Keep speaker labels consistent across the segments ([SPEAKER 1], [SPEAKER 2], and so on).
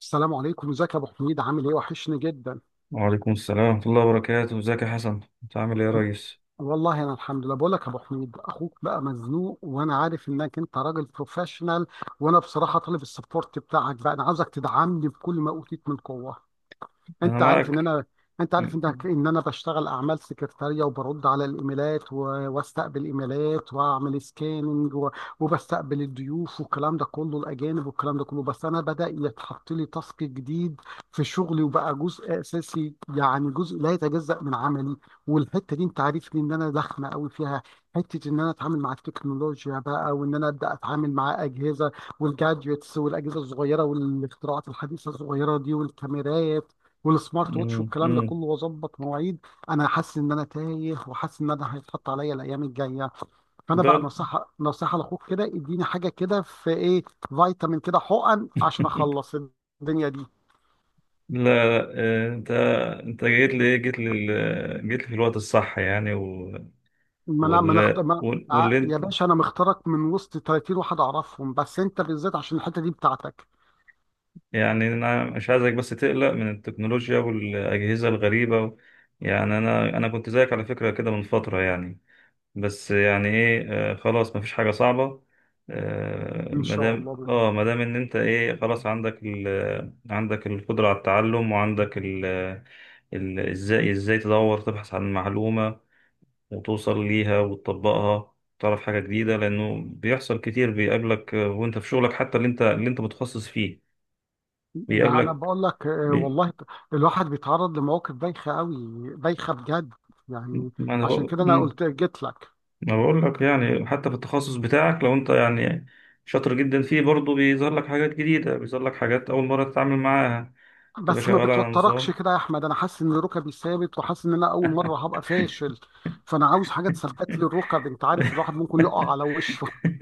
[SPEAKER 1] السلام عليكم. ازيك يا ابو حميد؟ عامل ايه؟ وحشني جدا.
[SPEAKER 2] وعليكم السلام ورحمة الله وبركاته. ازيك يا حسن، انت عامل ايه يا ريس؟
[SPEAKER 1] والله انا الحمد لله. بقول لك يا ابو حميد، اخوك بقى مزنوق، وانا عارف انك انت راجل بروفيشنال، وانا بصراحه طالب السبورت بتاعك. بقى انا عاوزك تدعمني بكل ما اوتيت من قوه.
[SPEAKER 2] انا
[SPEAKER 1] انت عارف ان
[SPEAKER 2] معك.
[SPEAKER 1] انا انت عارف ان
[SPEAKER 2] امم
[SPEAKER 1] ان انا بشتغل اعمال سكرتاريه، وبرد على الايميلات، واستقبل ايميلات، واعمل سكاننج، وبستقبل الضيوف والكلام ده كله، الاجانب والكلام ده كله. بس انا بدا يتحط لي تاسك جديد في شغلي، وبقى جزء اساسي، يعني جزء لا يتجزأ من عملي. والحته دي انت عارفني ان انا ضخمه قوي فيها، حته ان انا اتعامل مع التكنولوجيا بقى، وان انا ابدا اتعامل مع اجهزه والجادجتس والاجهزه الصغيره والاختراعات الحديثه الصغيره دي، والكاميرات والسمارت ووتش والكلام ده
[SPEAKER 2] امم
[SPEAKER 1] كله، واظبط مواعيد. انا حاسس ان انا تايه، وحاسس ان انا هيتحط عليا الايام الجايه. فانا بقى
[SPEAKER 2] دول.
[SPEAKER 1] نصيحه لاخوك كده اديني حاجه كده، في ايه؟ فيتامين كده، حقن، عشان اخلص الدنيا دي.
[SPEAKER 2] لا لا آه، انت جيت لي في الوقت الصح يعني.
[SPEAKER 1] ما انا ما نخت... ما... ع-
[SPEAKER 2] واللي
[SPEAKER 1] يا
[SPEAKER 2] انت،
[SPEAKER 1] باشا، انا مختارك من وسط 30 واحد اعرفهم، بس انت بالذات عشان الحته دي بتاعتك.
[SPEAKER 2] يعني انا مش عايزك بس تقلق من التكنولوجيا والاجهزة الغريبة. يعني انا كنت زيك على فكرة كده من فترة يعني. بس يعني ايه، آه، خلاص مفيش حاجة صعبة. آه،
[SPEAKER 1] ان شاء الله.
[SPEAKER 2] مادام ان انت ايه، خلاص عندك عندك القدرة على التعلم، وعندك ازاي ازاي تدور تبحث عن معلومة، وتوصل ليها وتطبقها، تعرف حاجة جديدة، لأنه بيحصل كتير بيقابلك، آه، وأنت في شغلك، حتى اللي أنت متخصص فيه
[SPEAKER 1] ده انا
[SPEAKER 2] بيقابلك
[SPEAKER 1] بقول لك آه،
[SPEAKER 2] بي...
[SPEAKER 1] والله الواحد بيتعرض لمواقف بايخه قوي، بايخه بجد يعني.
[SPEAKER 2] ما أنا
[SPEAKER 1] عشان كده انا
[SPEAKER 2] بقول-
[SPEAKER 1] قلت جيت لك.
[SPEAKER 2] ما بقول لك، يعني حتى في التخصص بتاعك، لو انت يعني شاطر جدا فيه، برضه بيظهر لك حاجات جديدة، بيظهر لك حاجات أول مرة تتعامل معاها، تبقى
[SPEAKER 1] بس ما
[SPEAKER 2] شغال على
[SPEAKER 1] بتوتركش
[SPEAKER 2] نظام.
[SPEAKER 1] كده يا احمد، انا حاسس ان ركبي ثابت، وحاسس ان انا اول مره هبقى فاشل، فانا عاوز حاجه تثبت لي الركب. انت عارف، الواحد ممكن يقع على وشه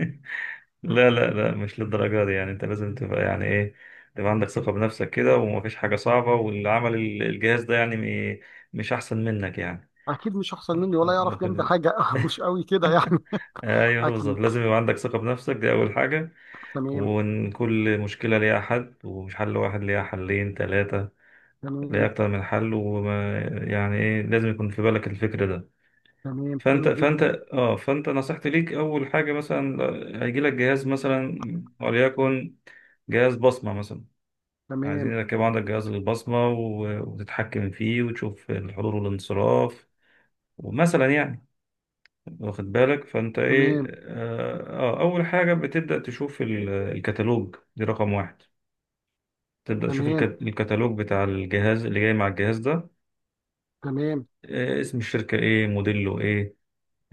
[SPEAKER 2] لا لا لا، مش للدرجة دي، يعني انت لازم تبقى يعني ايه، تبقى عندك ثقة بنفسك كده، ومفيش حاجة صعبة، واللي عمل الجهاز ده يعني م- مش أحسن منك يعني.
[SPEAKER 1] اكيد مش احسن مني
[SPEAKER 2] لا،
[SPEAKER 1] ولا
[SPEAKER 2] لا،
[SPEAKER 1] يعرف جنبي
[SPEAKER 2] في-
[SPEAKER 1] حاجه مش قوي كده يعني.
[SPEAKER 2] ايوه بالظبط،
[SPEAKER 1] اكيد.
[SPEAKER 2] لازم يبقى عندك ثقة بنفسك، دي أول حاجة.
[SPEAKER 1] تمام،
[SPEAKER 2] وإن كل مشكلة ليها حل، ومش حل واحد، ليها حلين ثلاثة، ليه
[SPEAKER 1] تمام،
[SPEAKER 2] أكتر من حل. وما يعني إيه، لازم يكون في بالك الفكر ده.
[SPEAKER 1] تمام.
[SPEAKER 2] فأنت
[SPEAKER 1] حلو
[SPEAKER 2] فأنت
[SPEAKER 1] جدا.
[SPEAKER 2] فأنت نصيحتي ليك، أول حاجة مثلا هيجيلك جهاز، مثلا وليكن جهاز بصمة مثلا، عايزين
[SPEAKER 1] تمام،
[SPEAKER 2] يركبوا عندك جهاز للبصمة وتتحكم فيه وتشوف الحضور والانصراف، ومثلا يعني واخد بالك. فأنت إيه،
[SPEAKER 1] تمام،
[SPEAKER 2] أول حاجة بتبدأ تشوف الكتالوج، دي رقم واحد. تبدأ تشوف
[SPEAKER 1] تمام،
[SPEAKER 2] الكتالوج بتاع الجهاز اللي جاي مع الجهاز ده.
[SPEAKER 1] تمام،
[SPEAKER 2] آه، اسم الشركة ايه، موديله ايه،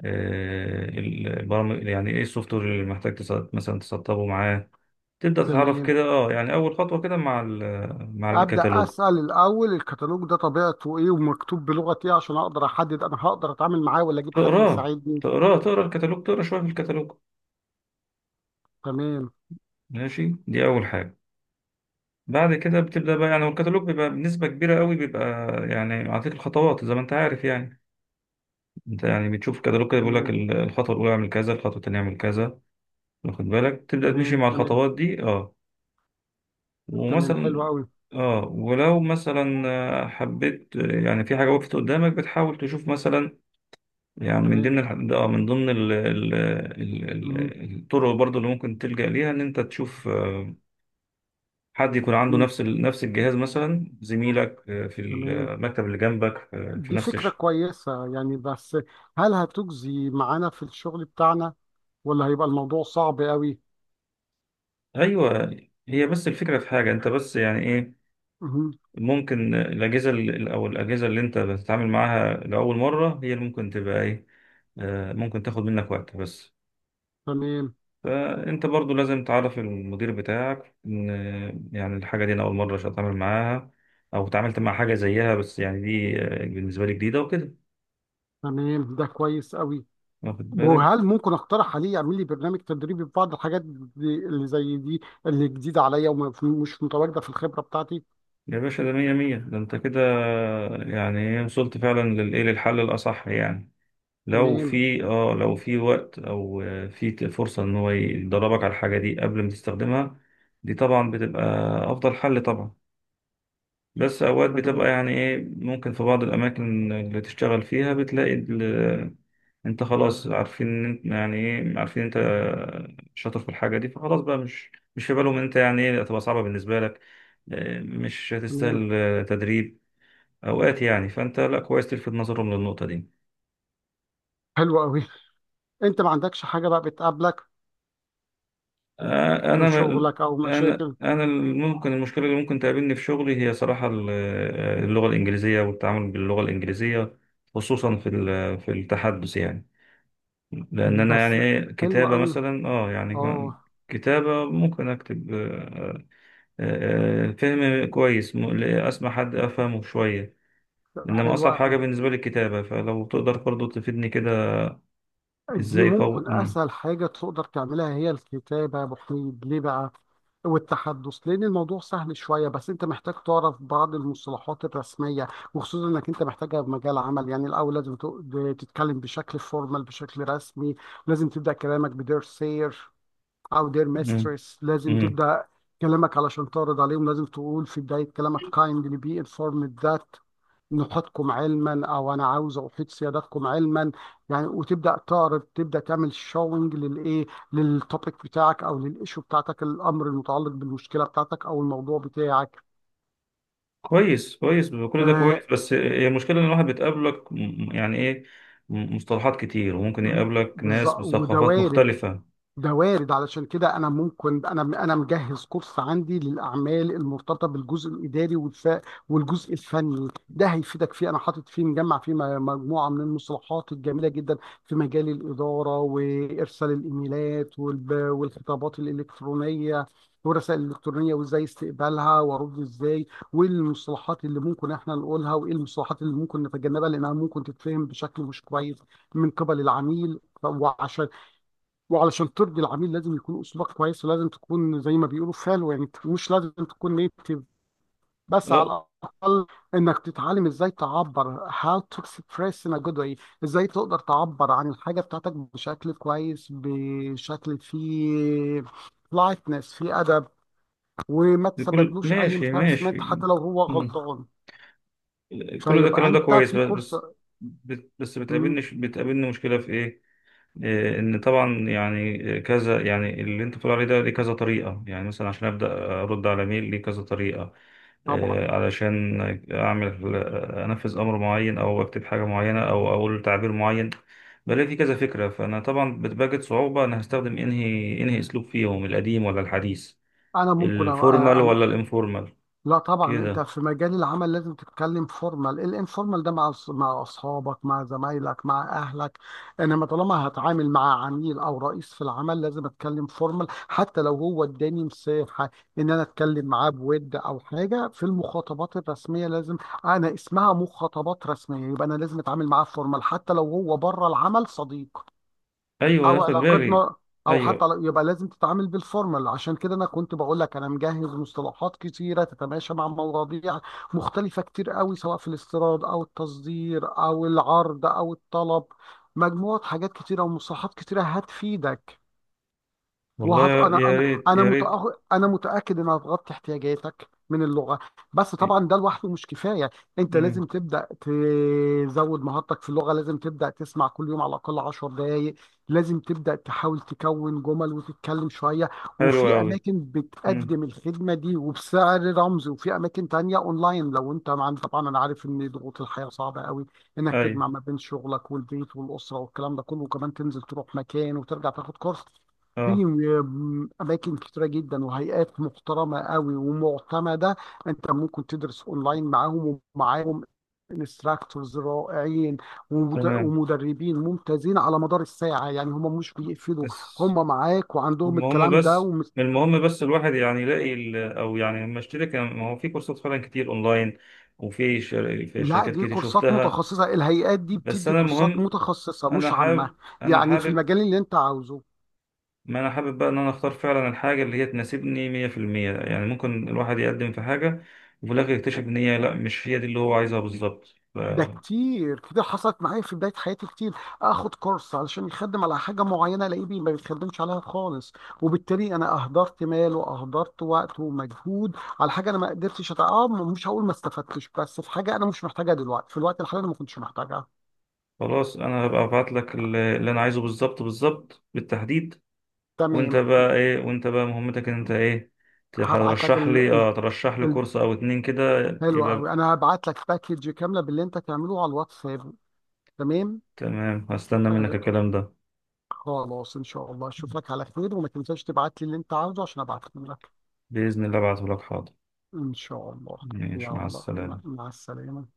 [SPEAKER 2] آه، البرامج يعني ايه، السوفت وير اللي محتاج مثلا تسطبه معاه. تبدأ تتعرف
[SPEAKER 1] تمام.
[SPEAKER 2] كده، اه يعني أول خطوة كده مع مع
[SPEAKER 1] ابدا
[SPEAKER 2] الكتالوج.
[SPEAKER 1] اسال الاول الكتالوج ده طبيعته ايه، ومكتوب بلغه ايه، عشان اقدر احدد انا هقدر اتعامل معاه ولا اجيب حد
[SPEAKER 2] تقراه،
[SPEAKER 1] يساعدني.
[SPEAKER 2] تقرا شوية في الكتالوج،
[SPEAKER 1] تمام،
[SPEAKER 2] ماشي، دي أول حاجة. بعد كده بتبدأ بقى يعني، والكتالوج بيبقى بنسبة كبيرة قوي بيبقى يعني معطيك الخطوات زي ما انت عارف يعني. انت يعني بتشوف الكتالوج كده، بيقول لك
[SPEAKER 1] تمام،
[SPEAKER 2] الخطوة الأولى اعمل كذا، الخطوة التانية اعمل كذا، واخد بالك، تبدأ تمشي
[SPEAKER 1] تمام،
[SPEAKER 2] مع
[SPEAKER 1] تمام،
[SPEAKER 2] الخطوات دي اه.
[SPEAKER 1] تمام. حلو
[SPEAKER 2] ومثلا
[SPEAKER 1] قوي.
[SPEAKER 2] اه، ولو مثلا آه، حبيت آه، يعني في حاجة وقفت قدامك، بتحاول تشوف مثلا يعني، من
[SPEAKER 1] تمام.
[SPEAKER 2] ضمن آه، من ضمن ال ال ال
[SPEAKER 1] مم.
[SPEAKER 2] ال الطرق برضو اللي ممكن تلجأ ليها، ان انت تشوف آه، حد يكون عنده
[SPEAKER 1] مم.
[SPEAKER 2] نفس نفس الجهاز، مثلا زميلك آه، في
[SPEAKER 1] تمام،
[SPEAKER 2] المكتب اللي جنبك، آه، في
[SPEAKER 1] دي
[SPEAKER 2] نفس
[SPEAKER 1] فكرة كويسة يعني. بس هل هتجزي معانا في الشغل بتاعنا، ولا هيبقى الموضوع صعب قوي؟
[SPEAKER 2] ايوه. هي بس الفكرة في حاجة انت، بس يعني ايه،
[SPEAKER 1] مم.
[SPEAKER 2] ممكن الأجهزة او الأجهزة اللي انت بتتعامل معاها لأول مرة، هي اللي ممكن تبقى ايه، آه، ممكن تاخد منك وقت بس.
[SPEAKER 1] تمام.
[SPEAKER 2] فأنت برضو لازم تعرف المدير بتاعك إن يعني الحاجة دي أنا أول مرة أتعامل معاها، أو اتعاملت مع حاجة زيها بس يعني دي بالنسبة لي جديدة وكده،
[SPEAKER 1] تمام، ده كويس قوي.
[SPEAKER 2] واخد بالك.
[SPEAKER 1] وهل ممكن اقترح عليه يعمل لي برنامج تدريبي في بعض الحاجات دي اللي زي دي، اللي جديدة عليا، ومش متواجدة في الخبرة بتاعتي؟
[SPEAKER 2] يا باشا ده مية مية، ده أنت كده يعني إيه، وصلت فعلا للإيه، للحل الأصح يعني. لو
[SPEAKER 1] تمام.
[SPEAKER 2] في اه، لو في وقت أو آه، في فرصة إن هو يدربك على الحاجة دي قبل ما تستخدمها، دي طبعا بتبقى أفضل حل طبعا. بس أوقات
[SPEAKER 1] تمام.
[SPEAKER 2] بتبقى يعني إيه، ممكن في بعض الأماكن اللي تشتغل فيها بتلاقي أنت خلاص عارفين إن أنت يعني إيه، عارفين أنت شاطر في الحاجة دي، فخلاص بقى، مش في بالهم إن أنت يعني إيه هتبقى صعبة بالنسبة لك، آه، مش
[SPEAKER 1] تمام.
[SPEAKER 2] هتستاهل آه، تدريب أوقات يعني، فأنت لا كويس تلفت نظرهم للنقطة دي.
[SPEAKER 1] حلو قوي. انت ما عندكش حاجة بقى بتقابلك
[SPEAKER 2] آه،
[SPEAKER 1] في شغلك، او مشاكل؟
[SPEAKER 2] أنا ممكن المشكلة اللي ممكن تقابلني في شغلي، هي صراحة آه، اللغة الإنجليزية، والتعامل باللغة الإنجليزية، خصوصا في في التحدث يعني. لان انا يعني
[SPEAKER 1] بس.
[SPEAKER 2] ايه،
[SPEAKER 1] حلو
[SPEAKER 2] كتابه
[SPEAKER 1] قوي.
[SPEAKER 2] مثلا اه يعني
[SPEAKER 1] اه.
[SPEAKER 2] كتابه ممكن اكتب، آه، فهم كويس، اسمع حد افهمه شويه، انما
[SPEAKER 1] حلو،
[SPEAKER 2] اصعب حاجه بالنسبه لي الكتابه، فلو تقدر برضه تفيدني كده،
[SPEAKER 1] دي
[SPEAKER 2] ازاي قوي.
[SPEAKER 1] ممكن اسهل حاجه تقدر تعملها هي الكتابه يا ابو حميد. ليه بقى؟ والتحدث لان الموضوع سهل شويه، بس انت محتاج تعرف بعض المصطلحات الرسميه، وخصوصا انك انت محتاجها في مجال عمل. يعني الاول لازم تتكلم بشكل فورمال، بشكل رسمي. لازم تبدا كلامك بدير سير او دير
[SPEAKER 2] مم.
[SPEAKER 1] ميسترس. لازم
[SPEAKER 2] مم.
[SPEAKER 1] تبدا كلامك علشان تعرض عليهم، لازم تقول في بدايه كلامك kindly be informed that، نحيطكم علما، او انا عاوز احيط سيادتكم علما، يعني. وتبدا تعرض، تبدا تعمل شوينج للايه، للتوبيك بتاعك او للايشو بتاعتك، الامر المتعلق بالمشكله بتاعتك او الموضوع بتاعك.
[SPEAKER 2] كويس كويس، كل ده
[SPEAKER 1] آه
[SPEAKER 2] كويس، بس هي المشكله ان الواحد بتقابلك يعني ايه، مصطلحات كتير، وممكن يقابلك ناس
[SPEAKER 1] بالظبط، وده
[SPEAKER 2] بثقافات
[SPEAKER 1] وارد،
[SPEAKER 2] مختلفه
[SPEAKER 1] ده وارد. علشان كده انا ممكن، انا مجهز كورس عندي للاعمال المرتبطه بالجزء الاداري والجزء الفني. ده هيفيدك فيه. انا حاطط فيه، مجمع فيه مجموعه من المصطلحات الجميله جدا في مجال الاداره، وارسال الايميلات والخطابات الالكترونيه والرسائل الالكترونيه، وازاي استقبالها، وارد ازاي، والمصطلحات اللي ممكن احنا نقولها، وايه المصطلحات اللي ممكن نتجنبها لانها ممكن تتفهم بشكل مش كويس من قبل العميل. وعلشان ترضي العميل، لازم يكون اسلوبك كويس، ولازم تكون زي ما بيقولوا فالو يعني، مش لازم تكون نيتيف، بس
[SPEAKER 2] اه.
[SPEAKER 1] على الاقل انك تتعلم ازاي تعبر، how to express in a good way، ازاي تقدر تعبر عن الحاجه بتاعتك بشكل كويس، بشكل فيه لايتنس، فيه ادب، وما
[SPEAKER 2] بكل
[SPEAKER 1] تسببلوش اي
[SPEAKER 2] ماشي
[SPEAKER 1] embarrassment
[SPEAKER 2] ماشي.
[SPEAKER 1] حتى لو هو
[SPEAKER 2] مم.
[SPEAKER 1] غلطان.
[SPEAKER 2] كل ده
[SPEAKER 1] فيبقى
[SPEAKER 2] الكلام ده
[SPEAKER 1] انت
[SPEAKER 2] كويس،
[SPEAKER 1] في
[SPEAKER 2] بس
[SPEAKER 1] كورس.
[SPEAKER 2] بس
[SPEAKER 1] مم،
[SPEAKER 2] بتقابلني بتقابلني مشكلة في إيه؟ إيه، إن طبعا يعني كذا، يعني اللي أنت بتقول عليه ده ليه كذا طريقة. يعني مثلا عشان أبدأ أرد على ميل ليه كذا طريقة،
[SPEAKER 1] طبعا.
[SPEAKER 2] إيه، علشان أعمل آه، أنفذ أمر معين، أو أكتب حاجة معينة، أو أقول تعبير معين، بلاقي في كذا فكرة، فأنا طبعا بتواجد صعوبة أنا هستخدم أنهي أسلوب فيهم، القديم ولا الحديث،
[SPEAKER 1] انا ممكن
[SPEAKER 2] الفورمال ولا الانفورمال
[SPEAKER 1] لا، طبعا انت
[SPEAKER 2] كده.
[SPEAKER 1] في مجال العمل لازم تتكلم فورمال. الانفورمال ده مع مع اصحابك، مع زمايلك، مع اهلك، انما طالما هتعامل مع عميل او رئيس في العمل لازم اتكلم فورمال، حتى لو هو اداني مساحه ان انا اتكلم معاه بود او حاجه. في المخاطبات الرسميه، لازم، انا اسمها مخاطبات رسميه، يبقى انا لازم اتعامل معاه فورمال، حتى لو هو بره العمل صديق
[SPEAKER 2] أيوه
[SPEAKER 1] او
[SPEAKER 2] هاخد بالي.
[SPEAKER 1] علاقتنا، او
[SPEAKER 2] ايوه،
[SPEAKER 1] يبقى لازم تتعامل بالفورمال. عشان كده انا كنت بقول لك انا مجهز مصطلحات كتيره تتماشى مع مواضيع مختلفه كتير قوي، سواء في الاستيراد او التصدير او العرض او الطلب. مجموعه حاجات كتيره ومصطلحات كتيره هتفيدك.
[SPEAKER 2] والله
[SPEAKER 1] وهت...
[SPEAKER 2] يا
[SPEAKER 1] انا
[SPEAKER 2] يا
[SPEAKER 1] انا
[SPEAKER 2] ريت
[SPEAKER 1] انا
[SPEAKER 2] يا ريت.
[SPEAKER 1] متأخ... انا متاكد انها هتغطي احتياجاتك من اللغه. بس طبعا ده لوحده مش كفايه، انت لازم
[SPEAKER 2] امم.
[SPEAKER 1] تبدا تزود مهارتك في اللغه. لازم تبدا تسمع كل يوم على الاقل 10 دقائق. لازم تبدا تحاول تكون جمل وتتكلم شويه.
[SPEAKER 2] حلو
[SPEAKER 1] وفي
[SPEAKER 2] قوي.
[SPEAKER 1] اماكن
[SPEAKER 2] امم.
[SPEAKER 1] بتقدم الخدمه دي وبسعر رمزي، وفي اماكن تانية اونلاين، لو انت مع، طبعا انا عارف ان ضغوط الحياه صعبه قوي، انك
[SPEAKER 2] اي.
[SPEAKER 1] تجمع ما بين شغلك والبيت والاسره والكلام ده كله، وكمان تنزل تروح مكان وترجع تاخد كورس. في
[SPEAKER 2] اه.
[SPEAKER 1] اماكن كتيره جدا وهيئات محترمه قوي ومعتمده، انت ممكن تدرس اونلاين معاهم. ومعاهم انستراكتورز رائعين،
[SPEAKER 2] تمام.
[SPEAKER 1] ومدربين ممتازين على مدار الساعه، يعني هم مش بيقفلوا،
[SPEAKER 2] بس
[SPEAKER 1] هم معاك، وعندهم
[SPEAKER 2] المهم
[SPEAKER 1] الكلام ده
[SPEAKER 2] بس المهم بس الواحد يعني يلاقي او يعني لما اشتري ما هو في كورسات فعلا كتير اونلاين، وفي في
[SPEAKER 1] لا،
[SPEAKER 2] شركات
[SPEAKER 1] دي
[SPEAKER 2] كتير
[SPEAKER 1] كورسات
[SPEAKER 2] شفتها،
[SPEAKER 1] متخصصه، الهيئات دي
[SPEAKER 2] بس
[SPEAKER 1] بتدي
[SPEAKER 2] انا
[SPEAKER 1] كورسات
[SPEAKER 2] المهم،
[SPEAKER 1] متخصصه
[SPEAKER 2] انا
[SPEAKER 1] مش عامه،
[SPEAKER 2] حابب انا
[SPEAKER 1] يعني في
[SPEAKER 2] حابب،
[SPEAKER 1] المجال اللي انت عاوزه.
[SPEAKER 2] ما انا حابب بقى ان انا اختار فعلا الحاجه اللي هي تناسبني 100% يعني. ممكن الواحد يقدم في حاجه وفي الاخر يكتشف ان هي لا، مش هي دي اللي هو عايزها بالظبط.
[SPEAKER 1] ده كتير، كتير حصلت معايا في بداية حياتي، كتير اخد كورس علشان يخدم على حاجة معينة، الاقيه ما بيخدمش عليها خالص، وبالتالي انا اهدرت مال، واهدرت وقت ومجهود على حاجة انا ما قدرتش مش هقول ما استفدتش، بس في حاجة انا مش محتاجها دلوقتي، في الوقت الحالي انا ما كنتش محتاجها.
[SPEAKER 2] خلاص انا هبقى ابعت لك اللي انا عايزه بالظبط، بالظبط بالتحديد. وانت
[SPEAKER 1] تمام،
[SPEAKER 2] بقى ايه، وانت بقى مهمتك ان انت ايه،
[SPEAKER 1] هبعت لك
[SPEAKER 2] ترشح لي اه، ترشح لي
[SPEAKER 1] ال...
[SPEAKER 2] كورس او اتنين كده،
[SPEAKER 1] حلو
[SPEAKER 2] يبقى
[SPEAKER 1] قوي، انا هبعت لك باكج كاملة باللي انت تعمله على الواتساب. تمام،
[SPEAKER 2] تمام. هستنى منك
[SPEAKER 1] آه،
[SPEAKER 2] الكلام ده.
[SPEAKER 1] خلاص ان شاء الله اشوفك على خير، وما تنساش تبعت لي اللي انت عاوزه عشان ابعته لك.
[SPEAKER 2] بإذن الله ابعته لك، حاضر.
[SPEAKER 1] إن شاء الله.
[SPEAKER 2] ماشي، مع
[SPEAKER 1] يلا،
[SPEAKER 2] السلامة.
[SPEAKER 1] مع السلامة.